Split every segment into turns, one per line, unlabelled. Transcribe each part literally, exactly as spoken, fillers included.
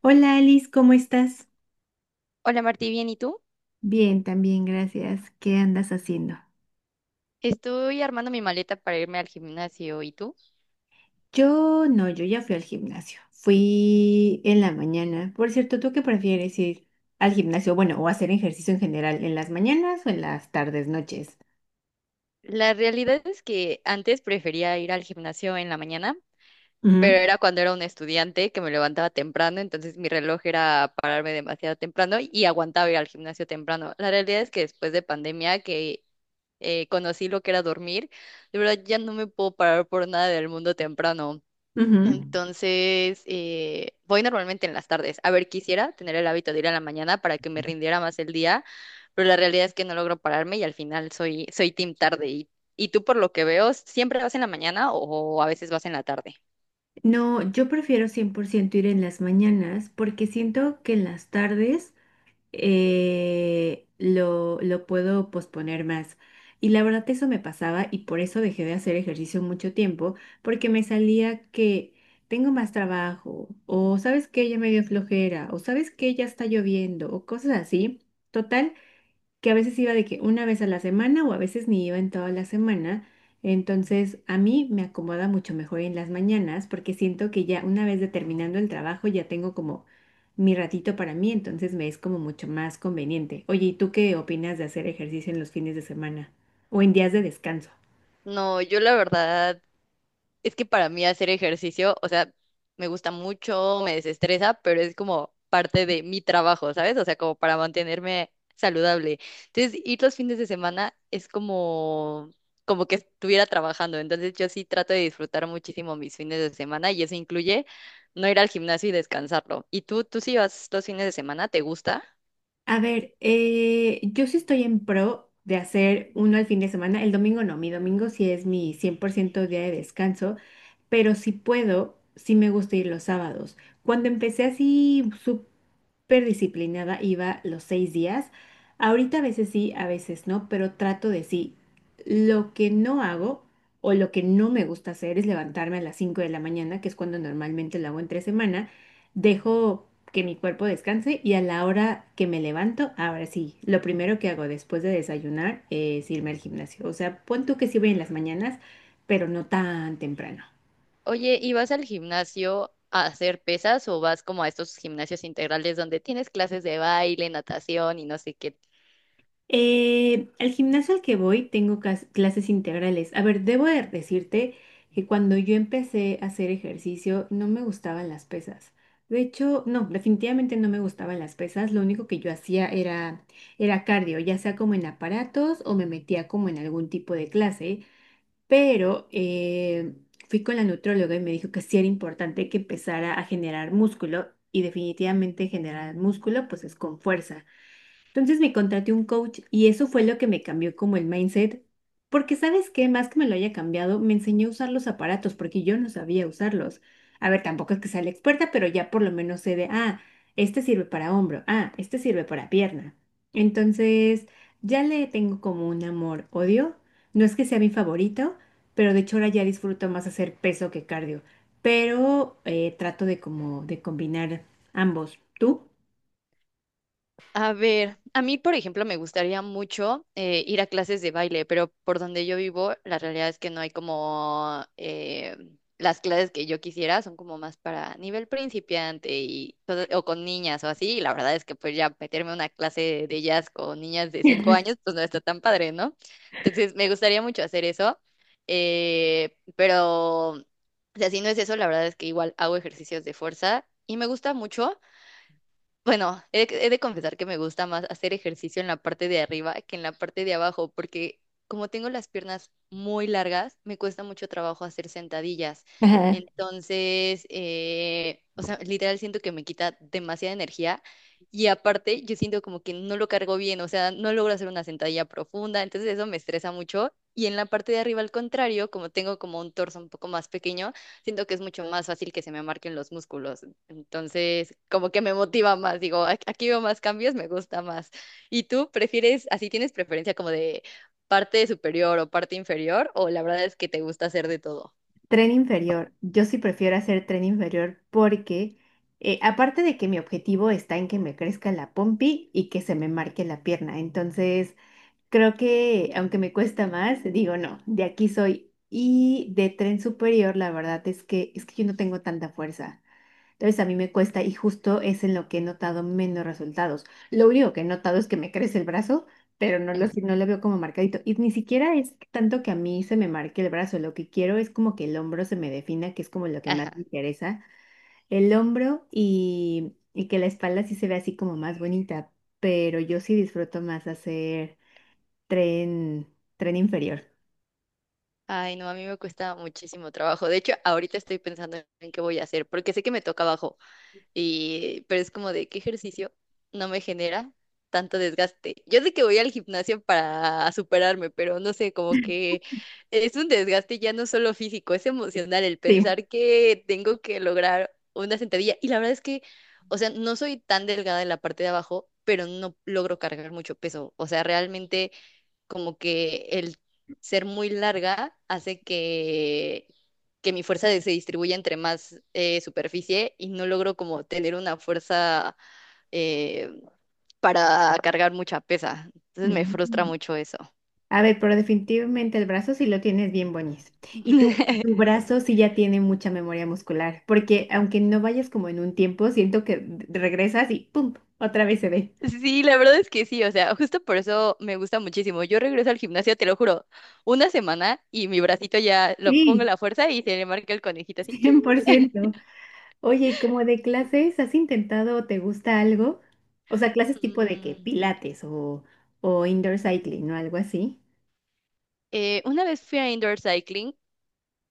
Hola Alice, ¿cómo estás?
Hola Martí, ¿bien y tú?
Bien, también, gracias. ¿Qué andas haciendo?
Estoy armando mi maleta para irme al gimnasio, ¿y tú?
Yo no, yo ya fui al gimnasio. Fui en la mañana. Por cierto, ¿tú qué prefieres ir al gimnasio? Bueno, o hacer ejercicio en general, ¿en las mañanas o en las tardes, noches?
La realidad es que antes prefería ir al gimnasio en la mañana, pero era cuando era un estudiante que me levantaba temprano, entonces mi reloj era pararme demasiado temprano y aguantaba ir al gimnasio temprano. La realidad es que después de pandemia que eh, conocí lo que era dormir, de verdad ya no me puedo parar por nada del mundo temprano.
Ujú, ujú.
Entonces, eh, voy normalmente en las tardes. A ver, quisiera tener el hábito de ir a la mañana para que me rindiera más el día, pero la realidad es que no logro pararme y al final soy, soy team tarde. Y, y tú, por lo que veo, ¿siempre vas en la mañana o a veces vas en la tarde?
No, yo prefiero cien por ciento ir en las mañanas porque siento que en las tardes eh, lo, lo puedo posponer más. Y la verdad eso me pasaba y por eso dejé de hacer ejercicio mucho tiempo, porque me salía que tengo más trabajo, o sabes que ya me dio flojera, o sabes que ya está lloviendo, o cosas así. Total que a veces iba de que una vez a la semana o a veces ni iba en toda la semana. Entonces, a mí me acomoda mucho mejor en las mañanas porque siento que ya una vez de terminando el trabajo ya tengo como mi ratito para mí, entonces me es como mucho más conveniente. Oye, ¿y tú qué opinas de hacer ejercicio en los fines de semana o en días de descanso?
No, yo la verdad es que para mí hacer ejercicio, o sea, me gusta mucho, me desestresa, pero es como parte de mi trabajo, ¿sabes? O sea, como para mantenerme saludable. Entonces, ir los fines de semana es como, como que estuviera trabajando. Entonces, yo sí trato de disfrutar muchísimo mis fines de semana y eso incluye no ir al gimnasio y descansarlo. ¿Y tú, tú sí vas los fines de semana? ¿Te gusta?
A ver, eh, yo sí estoy en pro de hacer uno al fin de semana. El domingo no, mi domingo sí es mi cien por ciento día de descanso. pero si puedo, sí me gusta ir los sábados. Cuando empecé así súper disciplinada, iba los seis días. Ahorita a veces sí, a veces no, pero trato de sí. Lo que no hago o lo que no me gusta hacer es levantarme a las cinco de la mañana, que es cuando normalmente lo hago entre semana. Dejo que mi cuerpo descanse y a la hora que me levanto, ahora sí, lo primero que hago después de desayunar es irme al gimnasio. O sea, pon tú que sí voy en las mañanas, pero no tan temprano.
Oye, ¿y vas al gimnasio a hacer pesas o vas como a estos gimnasios integrales donde tienes clases de baile, natación y no sé qué?
Eh, al gimnasio al que voy tengo cas- clases integrales. A ver, debo de decirte que cuando yo empecé a hacer ejercicio no me gustaban las pesas. De hecho, no, definitivamente no me gustaban las pesas. Lo único que yo hacía era, era cardio, ya sea como en aparatos o me metía como en algún tipo de clase. Pero eh, fui con la nutróloga y me dijo que sí era importante que empezara a generar músculo y definitivamente generar músculo pues es con fuerza. Entonces me contraté un coach y eso fue lo que me cambió como el mindset, porque sabes qué, más que me lo haya cambiado, me enseñó a usar los aparatos porque yo no sabía usarlos. A ver, tampoco es que sea la experta, pero ya por lo menos sé de, ah, este sirve para hombro, ah, este sirve para pierna. Entonces, ya le tengo como un amor-odio. No es que sea mi favorito, pero de hecho ahora ya disfruto más hacer peso que cardio, pero eh, trato de como de combinar ambos. ¿Tú?
A ver, a mí, por ejemplo, me gustaría mucho eh, ir a clases de baile, pero por donde yo vivo, la realidad es que no hay como eh, las clases que yo quisiera, son como más para nivel principiante y todo- o con niñas o así, y la verdad es que pues ya meterme a una clase de jazz con niñas de cinco años, pues no está tan padre, ¿no? Entonces, me gustaría mucho hacer eso, eh, pero o sea, si no es eso, la verdad es que igual hago ejercicios de fuerza y me gusta mucho. Bueno, he, de he de confesar que me gusta más hacer ejercicio en la parte de arriba que en la parte de abajo, porque como tengo las piernas muy largas, me cuesta mucho trabajo hacer sentadillas. Entonces, eh, o sea, literal siento que me quita demasiada energía y aparte yo siento como que no lo cargo bien, o sea, no logro hacer una sentadilla profunda, entonces eso me estresa mucho. Y en la parte de arriba, al contrario, como tengo como un torso un poco más pequeño, siento que es mucho más fácil que se me marquen los músculos. Entonces, como que me motiva más, digo, "Ac- aquí veo más cambios, me gusta más. ¿Y tú prefieres, así tienes preferencia como de parte superior o parte inferior, o la verdad es que te gusta hacer de todo?
Tren inferior. Yo sí prefiero hacer tren inferior porque, eh, aparte de que mi objetivo está en que me crezca la pompi y que se me marque la pierna. Entonces, creo que aunque me cuesta más, digo no, de aquí soy. Y de tren superior, la verdad es que es que yo no tengo tanta fuerza. Entonces a mí me cuesta y justo es en lo que he notado menos resultados. Lo único que he notado es que me crece el brazo, pero no lo,
Ujú.
si- no lo veo como marcadito. Y ni siquiera es tanto que a mí se me marque el brazo. Lo que quiero es como que el hombro se me defina, que es como lo que más me
Ajá.
interesa. El hombro y, y que la espalda sí se ve así como más bonita. Pero yo sí disfruto más hacer tren, tren inferior.
Ay, no, a mí me cuesta muchísimo trabajo. De hecho, ahorita estoy pensando en qué voy a hacer, porque sé que me toca abajo. Y, pero es como de qué ejercicio no me genera tanto desgaste. Yo sé que voy al gimnasio para superarme, pero no sé, como que es un desgaste ya no solo físico, es emocional el
Sí.
pensar que tengo que lograr una sentadilla. Y la verdad es que, o sea, no soy tan delgada en la parte de abajo, pero no logro cargar mucho peso. O sea, realmente como que el ser muy larga hace que, que mi fuerza de- se distribuya entre más eh, superficie y no logro como tener una fuerza eh, para cargar mucha pesa. Entonces me frustra
Ujú.
mucho eso.
A ver, pero definitivamente el brazo sí lo tienes bien boñez. Y tu, tu brazo sí ya tiene mucha memoria muscular, porque aunque no vayas como en un tiempo, siento que d- regresas y ¡pum! Otra vez se ve.
Sí, la verdad es que sí, o sea, justo por eso me gusta muchísimo. Yo regreso al gimnasio, te lo juro, una semana y mi bracito ya lo pongo
Sí,
la fuerza y se le marca el conejito así. Chin.
cien por ciento. Oye, ¿y como de clases has intentado o te gusta algo? O sea, clases tipo de que
Mm,
pilates o, o indoor cycling o algo así.
eh, una vez fui a indoor cycling.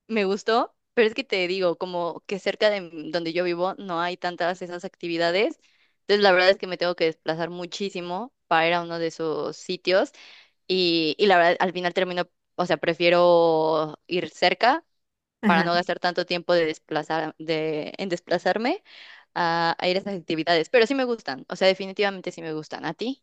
Me gustó, pero es que te digo, como que cerca de m- donde yo vivo no hay tantas esas actividades. Entonces, la verdad es que me tengo que desplazar muchísimo para ir a uno de esos sitios. Y, y la verdad, al final termino, o sea, prefiero ir cerca para no gastar tanto tiempo de desplazar, de, en desplazarme a, a ir a esas actividades. Pero sí me gustan, o sea, definitivamente sí me gustan. ¿A ti?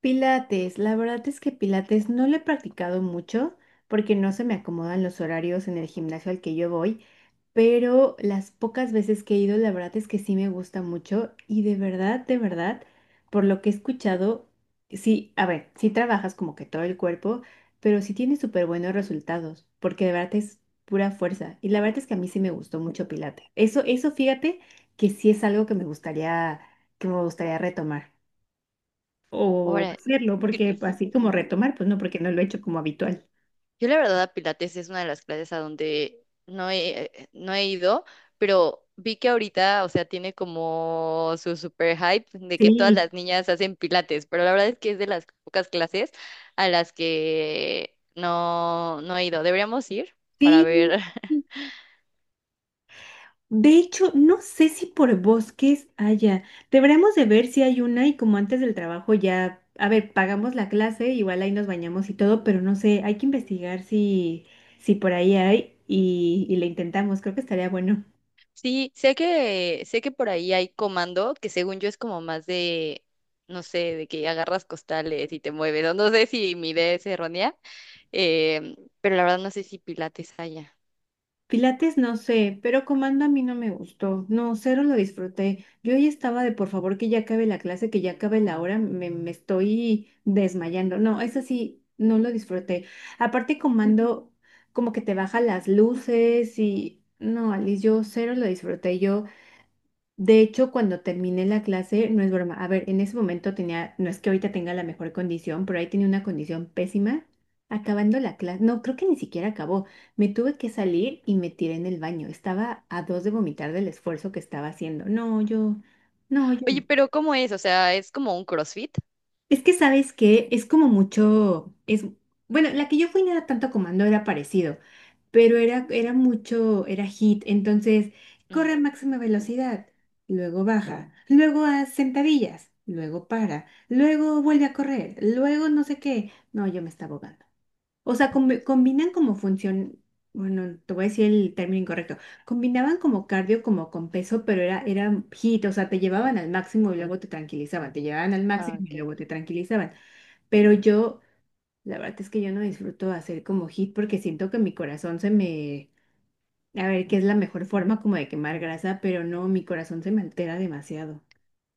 Pilates, la verdad es que Pilates no lo he practicado mucho porque no se me acomodan los horarios en el gimnasio al que yo voy, pero las pocas veces que he ido, la verdad es que sí me gusta mucho y de verdad, de verdad, por lo que he escuchado, sí, a ver, sí trabajas como que todo el cuerpo, pero sí tienes súper buenos resultados porque de verdad es pura fuerza y la verdad es que a mí sí me gustó mucho Pilates. Eso, eso fíjate que sí es algo que me gustaría, que me gustaría retomar o
Órale.
hacerlo, porque así como retomar, pues no, porque no lo he hecho como habitual.
Yo la verdad a Pilates es una de las clases a donde no he, eh, no he ido, pero vi que ahorita, o sea, tiene como su super hype de que todas
Sí,
las niñas hacen Pilates, pero la verdad es que es de las pocas clases a las que no, no he ido. Deberíamos ir para
sí.
ver.
De hecho, no sé si por bosques haya. Deberíamos de ver si hay una y como antes del trabajo ya, a ver, pagamos la clase, igual ahí nos bañamos y todo, pero no sé, hay que investigar si, si por ahí hay y, y le intentamos, creo que estaría bueno.
Sí, sé que, sé que por ahí hay comando, que según yo es como más de, no sé, de que agarras costales y te mueves. No, no sé si mi idea es errónea, em, pero la verdad no sé si Pilates haya.
Pilates no sé, pero comando a mí no me gustó. No, cero lo disfruté. Yo ahí estaba de por favor que ya acabe la clase, que ya acabe la hora, me, me estoy desmayando. No, eso sí, no lo disfruté. Aparte comando como que te baja las luces y no, Alice, yo cero lo disfruté. Yo de hecho, cuando terminé la clase, no es broma, a ver, en ese momento tenía, no es que ahorita tenga la mejor condición, pero ahí tenía una condición pésima. Acabando la clase, no, creo que ni siquiera acabó. Me tuve que salir y me tiré en el baño. Estaba a dos de vomitar del esfuerzo que estaba haciendo. No, yo, no, yo.
Oye, pero ¿cómo es? O sea, ¿es como un CrossFit?
Es que sabes que es como mucho, es, bueno, la que yo fui no era tanto comando, era parecido, pero era, era mucho, era hit, entonces corre
Mm.
a máxima velocidad, luego baja, luego haz sentadillas, luego para, luego vuelve a correr, luego no sé qué. No, yo me estaba ahogando. O sea, combi- combinan como función, bueno, te voy a decir el término incorrecto, combinaban como cardio como con peso, pero era, era hit, o sea, te llevaban al máximo y luego te tranquilizaban, te llevaban al
Ah,
máximo y
ok.
luego te tranquilizaban. Pero yo, la verdad es que yo no disfruto hacer como hit porque siento que mi corazón se me, a ver, que es la mejor forma como de quemar grasa, pero no, mi corazón se me altera demasiado.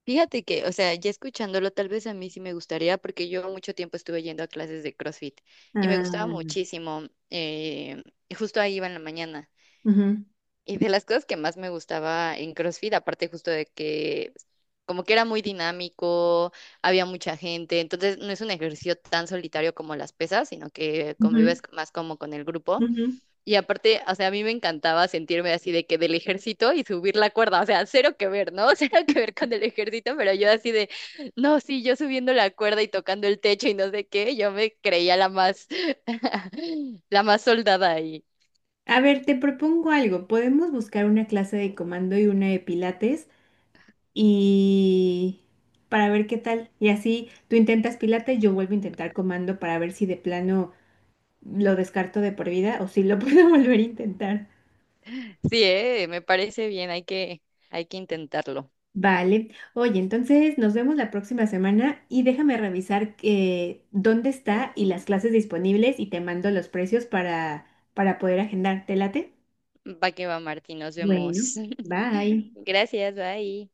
Fíjate que, o sea, ya escuchándolo, tal vez a mí sí me gustaría, porque yo mucho tiempo estuve yendo a clases de CrossFit y me gustaba
Ah,
muchísimo. eh, y justo ahí iba en la mañana.
ujú,
Y de las cosas que más me gustaba en CrossFit, aparte justo de que como que era muy dinámico, había mucha gente, entonces no es un ejercicio tan solitario como las pesas, sino que
ujú,
convives más como con el grupo.
ujú.
Y aparte, o sea, a mí me encantaba sentirme así de que del ejército y subir la cuerda, o sea, cero que ver, ¿no? Cero que ver con el ejército, pero yo así de, no, sí, yo subiendo la cuerda y tocando el techo y no sé qué, yo me creía la más, la más soldada ahí.
A ver, te propongo algo. Podemos buscar una clase de comando y una de pilates y para ver qué tal. Y así tú intentas Pilates, yo vuelvo a intentar comando para ver si de plano lo descarto de por vida o si lo puedo volver a intentar.
Sí, eh, me parece bien, hay que, hay que intentarlo.
Vale. Oye, entonces nos vemos la próxima semana y déjame revisar eh, dónde está y las clases disponibles y te mando los precios para, para poder agendar. ¿Te late?
Va que va, Martín, nos vemos.
Bueno, bye.
Gracias, bye.